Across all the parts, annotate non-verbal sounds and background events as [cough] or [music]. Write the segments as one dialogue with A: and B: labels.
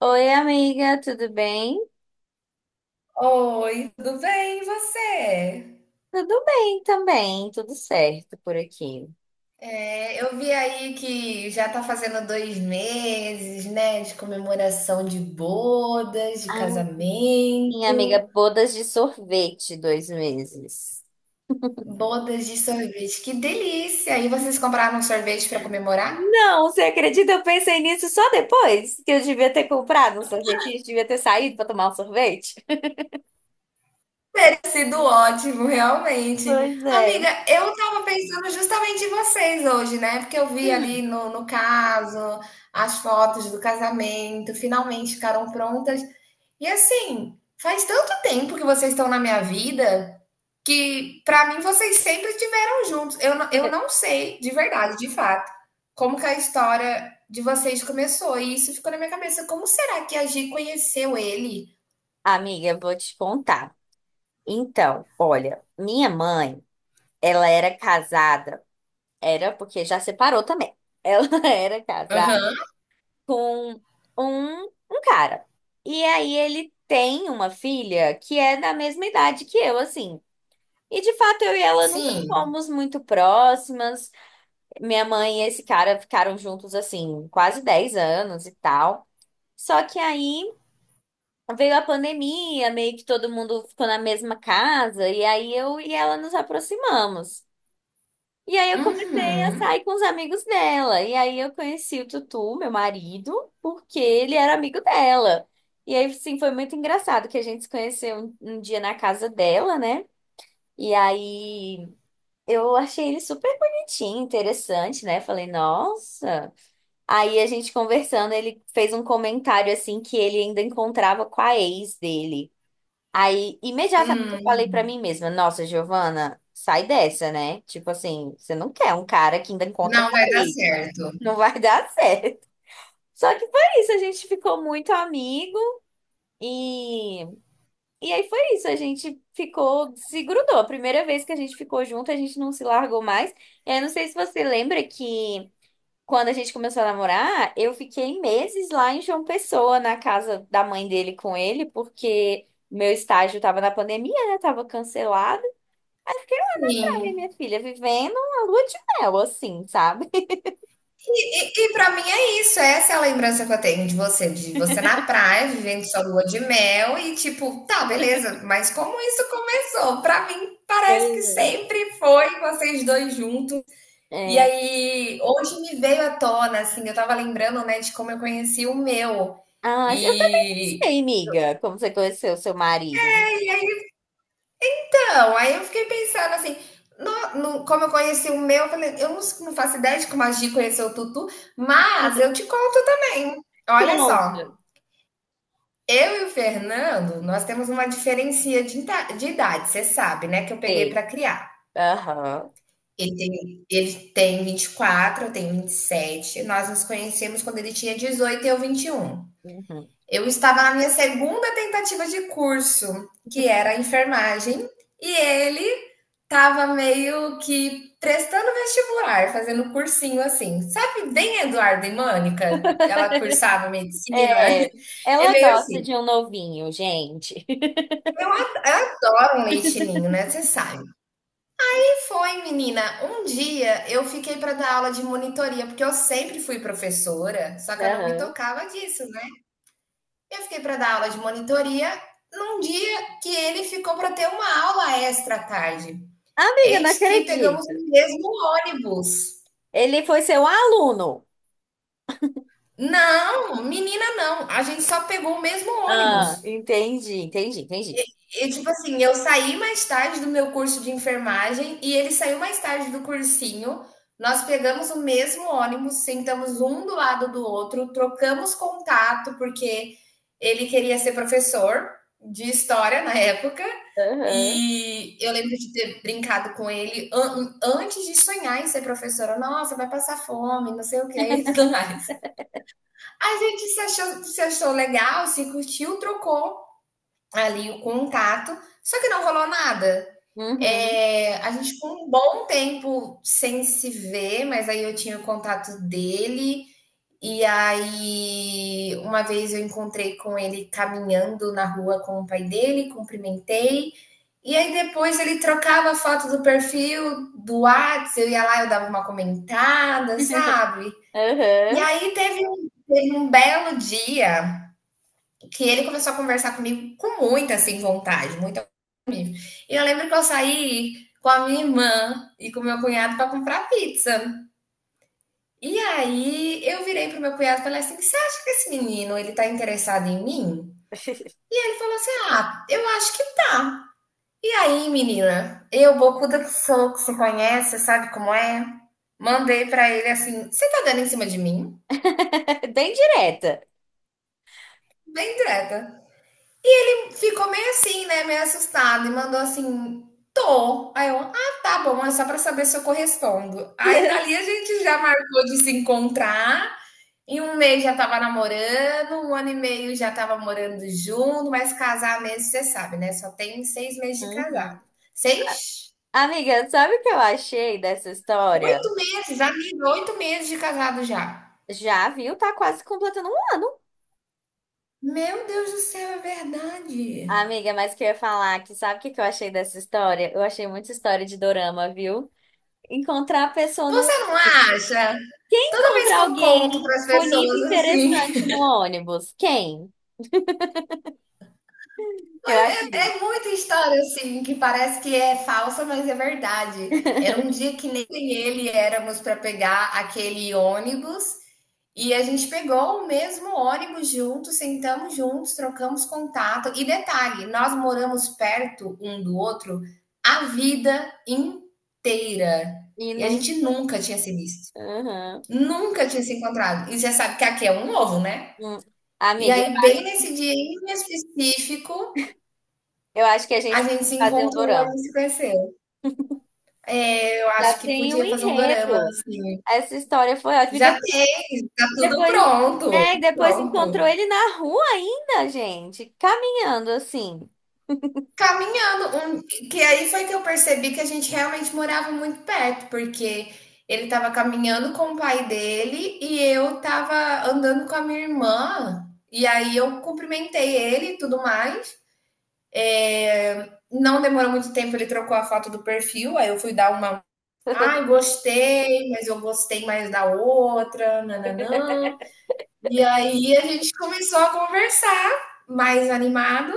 A: Oi, amiga, tudo bem?
B: Oi, tudo bem, e você?
A: Tudo bem também, tudo certo por aqui.
B: É, eu vi aí que já tá fazendo dois meses, né, de comemoração de bodas, de
A: Ai, minha amiga,
B: casamento,
A: bodas de sorvete, 2 meses.
B: bodas de sorvete. Que delícia! E vocês compraram sorvete pra comemorar?
A: Não, você acredita? Eu pensei nisso só depois que eu devia ter comprado um sorvete, a gente devia ter saído para tomar um sorvete.
B: Tem sido ótimo, realmente.
A: Pois é.
B: Amiga, eu tava pensando justamente em vocês hoje, né? Porque eu vi ali
A: Hum.
B: no caso as fotos do casamento, finalmente ficaram prontas. E assim, faz tanto tempo que vocês estão na minha vida que, pra mim, vocês sempre estiveram juntos. Eu
A: [laughs]
B: não sei, de verdade, de fato, como que a história de vocês começou. E isso ficou na minha cabeça. Como será que a Gi conheceu ele?
A: Amiga, eu vou te contar. Então, olha, minha mãe, ela era casada, era porque já separou também. Ela [laughs] era casada
B: Aham.
A: com um cara. E aí ele tem uma filha que é da mesma idade que eu, assim. E de fato eu e ela nunca
B: Sim.
A: fomos muito próximas. Minha mãe e esse cara ficaram juntos, assim, quase 10 anos e tal. Só que aí veio a pandemia, meio que todo mundo ficou na mesma casa, e aí eu e ela nos aproximamos. E aí eu comecei a
B: Uhum.
A: sair com os amigos dela. E aí eu conheci o Tutu, meu marido, porque ele era amigo dela. E aí, sim, foi muito engraçado que a gente se conheceu um dia na casa dela, né? E aí eu achei ele super bonitinho, interessante, né? Falei, nossa. Aí a gente conversando, ele fez um comentário assim que ele ainda encontrava com a ex dele. Aí, imediatamente eu
B: Hum.
A: falei pra mim mesma, nossa, Giovana, sai dessa, né? Tipo assim, você não quer um cara que ainda encontra
B: Não
A: com
B: vai dar
A: ele.
B: certo.
A: Não vai [laughs] dar certo. Só que foi isso, a gente ficou muito amigo e e aí foi isso, a gente ficou, se grudou. A primeira vez que a gente ficou junto, a gente não se largou mais. Eu não sei se você lembra que quando a gente começou a namorar, eu fiquei meses lá em João Pessoa, na casa da mãe dele com ele, porque meu estágio tava na pandemia, né? Tava cancelado. Aí minha
B: Sim.
A: filha vivendo a lua de mel, assim, sabe?
B: E para mim é isso, essa é a lembrança que eu tenho de você na praia, vivendo sua lua de mel e tipo, tá, beleza, mas como isso começou? Para mim parece
A: Pois
B: que sempre foi vocês dois juntos. E
A: é. É.
B: aí hoje me veio à tona assim, eu tava lembrando, né, de como eu conheci o meu.
A: Ah, eu também não
B: E
A: sei, amiga, como você conheceu seu marido.
B: então, aí eu fiquei pensando assim, como eu conheci o meu, eu falei, eu não faço ideia de como a Gi conheceu o Tutu, mas eu
A: [laughs]
B: te conto também. Olha
A: Conta.
B: só. Eu e o Fernando, nós temos uma diferença de, de idade, você sabe, né? Que eu peguei
A: Sei.
B: para criar.
A: Aham.
B: Ele tem 24, eu tenho 27. Nós nos conhecemos quando ele tinha 18 e eu 21.
A: Uhum.
B: Eu estava na minha segunda tentativa de curso, que era enfermagem, e ele estava meio que prestando vestibular, fazendo cursinho assim. Sabe bem Eduardo e Mônica? Ela cursava medicina.
A: É,
B: [laughs] É
A: ela
B: meio
A: gosta
B: assim.
A: de um novinho, gente. [laughs]
B: Eu adoro um leite ninho, né? Você sabe. E foi, menina, um dia eu fiquei para dar aula de monitoria, porque eu sempre fui professora, só que eu não me
A: Aham.
B: tocava disso, né? Eu fiquei para dar aula de monitoria num dia que ele ficou para ter uma aula extra à tarde.
A: Amiga, não
B: Eis que pegamos
A: acredito.
B: o mesmo ônibus.
A: Ele foi seu aluno.
B: Não, menina, não. A gente só pegou o mesmo
A: Ah,
B: ônibus.
A: entendi, entendi, entendi.
B: E tipo assim, eu saí mais tarde do meu curso de enfermagem e ele saiu mais tarde do cursinho. Nós pegamos o mesmo ônibus, sentamos um do lado do outro, trocamos contato, porque ele queria ser professor de história na época.
A: Aham,
B: E eu lembro de ter brincado com ele antes de sonhar em ser professora. Nossa, vai passar fome, não sei o que e tudo mais. A gente se achou, se achou legal, se curtiu, trocou ali o contato, só que não rolou nada.
A: Uhum,
B: É, a gente ficou um bom tempo sem se ver, mas aí eu tinha o contato dele. E aí, uma vez eu encontrei com ele caminhando na rua com o pai dele, cumprimentei. E aí, depois ele trocava a foto do perfil do WhatsApp, eu ia lá, eu dava uma comentada, sabe? E
A: aham.
B: aí, teve um belo dia que ele começou a conversar comigo com muita assim, vontade, muito e eu lembro que eu saí com a minha irmã e com o meu cunhado para comprar pizza. E aí eu virei pro meu cunhado e falei assim: "Você acha que esse menino ele tá interessado em mim?" E ele falou assim: "Ah, eu acho que tá". E aí, menina, eu bocuda que sou, que você conhece, sabe como é? Mandei pra ele assim: "Você tá dando em cima de mim?"
A: [laughs] Bem direta.
B: Bem direta. Ficou meio assim, né? Meio assustada e mandou assim: tô. Aí eu, ah, tá bom, é só pra saber se eu correspondo. Aí dali a gente já marcou de se encontrar. Em um mês já tava namorando, um ano e meio já tava morando junto, mas casar mesmo, você sabe, né? Só tem seis meses de casado.
A: Uhum.
B: Seis?
A: Amiga, sabe o que eu achei dessa história?
B: Oito meses, amiga, oito meses de casado já.
A: Já viu? Tá quase completando um ano.
B: Meu Deus do céu, é verdade.
A: Amiga, mas que eu ia falar que sabe o que que eu achei dessa história? Eu achei muita história de dorama, viu? Encontrar a pessoa no
B: Você não
A: ônibus.
B: acha? Toda vez que
A: Encontrar
B: eu conto
A: alguém
B: para as
A: bonito
B: pessoas
A: e
B: assim,
A: interessante no ônibus. Quem? Eu achei.
B: é muita história, assim, que parece que é falsa, mas é verdade. Era um dia que nem ele éramos para pegar aquele ônibus e a gente pegou o mesmo ônibus juntos, sentamos juntos, trocamos contato. E detalhe, nós moramos perto um do outro a vida inteira.
A: E
B: E a
A: não.
B: gente nunca tinha se visto.
A: Uhum.
B: Nunca tinha se encontrado. E você sabe que aqui é um ovo, né?
A: Hum.
B: E
A: Amiga,
B: aí, bem nesse dia em específico,
A: eu acho que a
B: a
A: gente pode
B: gente se
A: fazer um
B: encontrou, a
A: dorama.
B: gente se conheceu. É, eu acho
A: Já
B: que
A: tem o
B: podia fazer um dorama,
A: enredo.
B: assim.
A: Essa história foi ótima. E
B: Já
A: depois,
B: tem, tá tudo
A: depois, é,
B: pronto.
A: e depois encontrou
B: Pronto.
A: ele na rua ainda, gente, caminhando assim.
B: Caminhando. Um, que aí foi que eu percebi que a gente realmente morava muito perto, porque ele tava caminhando com o pai dele e eu tava andando com a minha irmã. E aí eu cumprimentei ele e tudo mais. É, não demorou muito tempo, ele trocou a foto do perfil, aí eu fui dar uma ai, gostei, mas eu gostei mais da outra, nananã. E aí a gente começou a conversar mais animado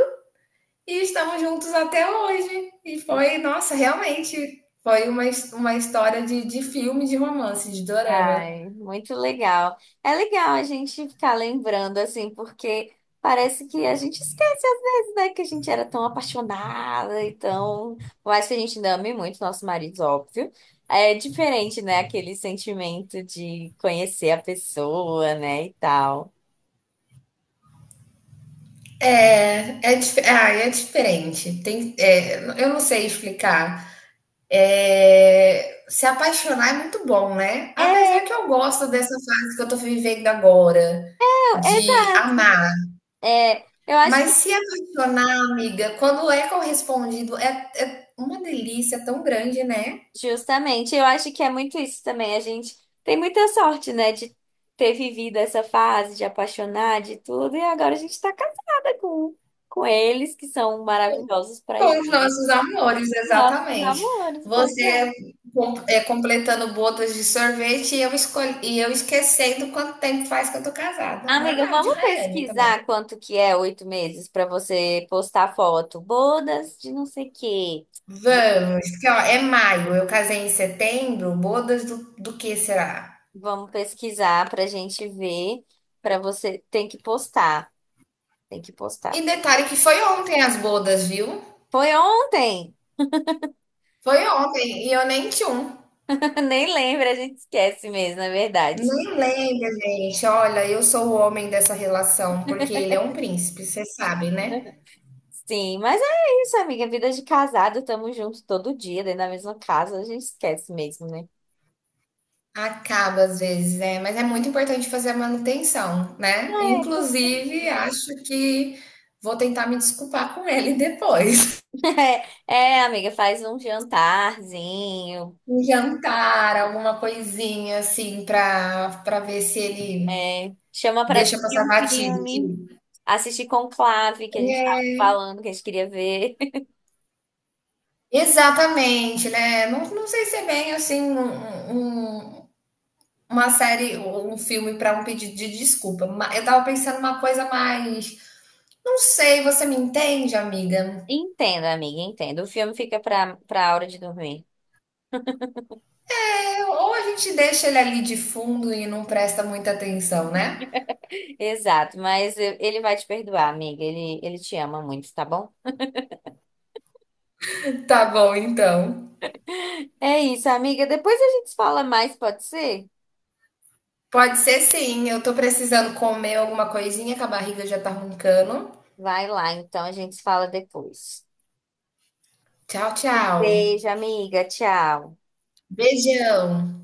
B: e estamos juntos até hoje. E foi, nossa, realmente foi uma história de filme, de romance, de dorama.
A: Ai, muito legal. É legal a gente ficar lembrando assim, porque parece que a gente esquece às vezes, né, que a gente era tão apaixonada e tão, por mais que a gente ainda ame muito nossos maridos, óbvio. É diferente, né, aquele sentimento de conhecer a pessoa, né, e tal.
B: É diferente. Tem, é, eu não sei explicar. É, se apaixonar é muito bom, né?
A: É,
B: Apesar que eu gosto dessa fase que eu tô vivendo agora,
A: é,
B: de
A: exato.
B: amar.
A: É, eu acho
B: Mas
A: que,
B: se apaixonar, amiga, quando é correspondido, é uma delícia tão grande, né?
A: justamente, eu acho que é muito isso também. A gente tem muita sorte, né, de ter vivido essa fase, de apaixonar, de tudo, e agora a gente tá casada com eles, que são maravilhosos pra
B: Com os
A: gente.
B: nossos amores,
A: Nossos
B: exatamente.
A: amores, pois é.
B: Você é, completando bodas de sorvete e eu, escolhi, e eu esquecendo quanto tempo faz que eu tô casada.
A: Amiga,
B: Normal, de
A: vamos
B: Rayane também.
A: pesquisar quanto que é 8 meses pra você postar foto. Bodas de não sei o quê.
B: Vamos, que ó, é maio, eu casei em setembro, bodas do, do que será?
A: Vamos pesquisar pra gente ver, pra você tem que postar. Tem que
B: E
A: postar.
B: detalhe que foi ontem as bodas, viu?
A: Foi ontem!
B: Foi ontem, e eu nem tinha um.
A: [laughs] Nem lembro, a gente esquece mesmo, na verdade.
B: Nem lembra, gente. Olha, eu sou o homem dessa relação, porque ele é um príncipe, você sabe, né?
A: Sim, mas é isso, amiga. Vida de casado, tamo junto todo dia, dentro da mesma casa, a gente esquece mesmo, né?
B: Acaba às vezes, né? Mas é muito importante fazer a manutenção, né?
A: É, com-
B: Inclusive, acho que vou tentar me desculpar com ele depois. [laughs]
A: [laughs] é, amiga, faz um jantarzinho,
B: Um jantar, alguma coisinha assim, pra, pra ver se ele
A: é, chama pra
B: deixa
A: assistir
B: passar
A: um
B: batido.
A: filme, assistir Conclave, que a gente
B: É,
A: tava falando, que a gente queria ver. [laughs]
B: exatamente, né? Não, não sei se é bem assim um uma série ou um filme para um pedido de desculpa. Eu tava pensando uma coisa mais. Não sei, você me entende, amiga?
A: Entendo, amiga, entendo. O filme fica pra, pra hora de dormir.
B: É, ou a gente deixa ele ali de fundo e não presta muita atenção, né?
A: Exato, ele vai te perdoar, amiga. Ele te ama muito, tá bom?
B: Tá bom, então.
A: É isso, amiga. Depois a gente fala mais, pode ser?
B: Pode ser sim, eu tô precisando comer alguma coisinha que a barriga já tá roncando.
A: Vai lá, então a gente fala depois.
B: Tchau, tchau.
A: Beijo, amiga. Tchau.
B: Beijão.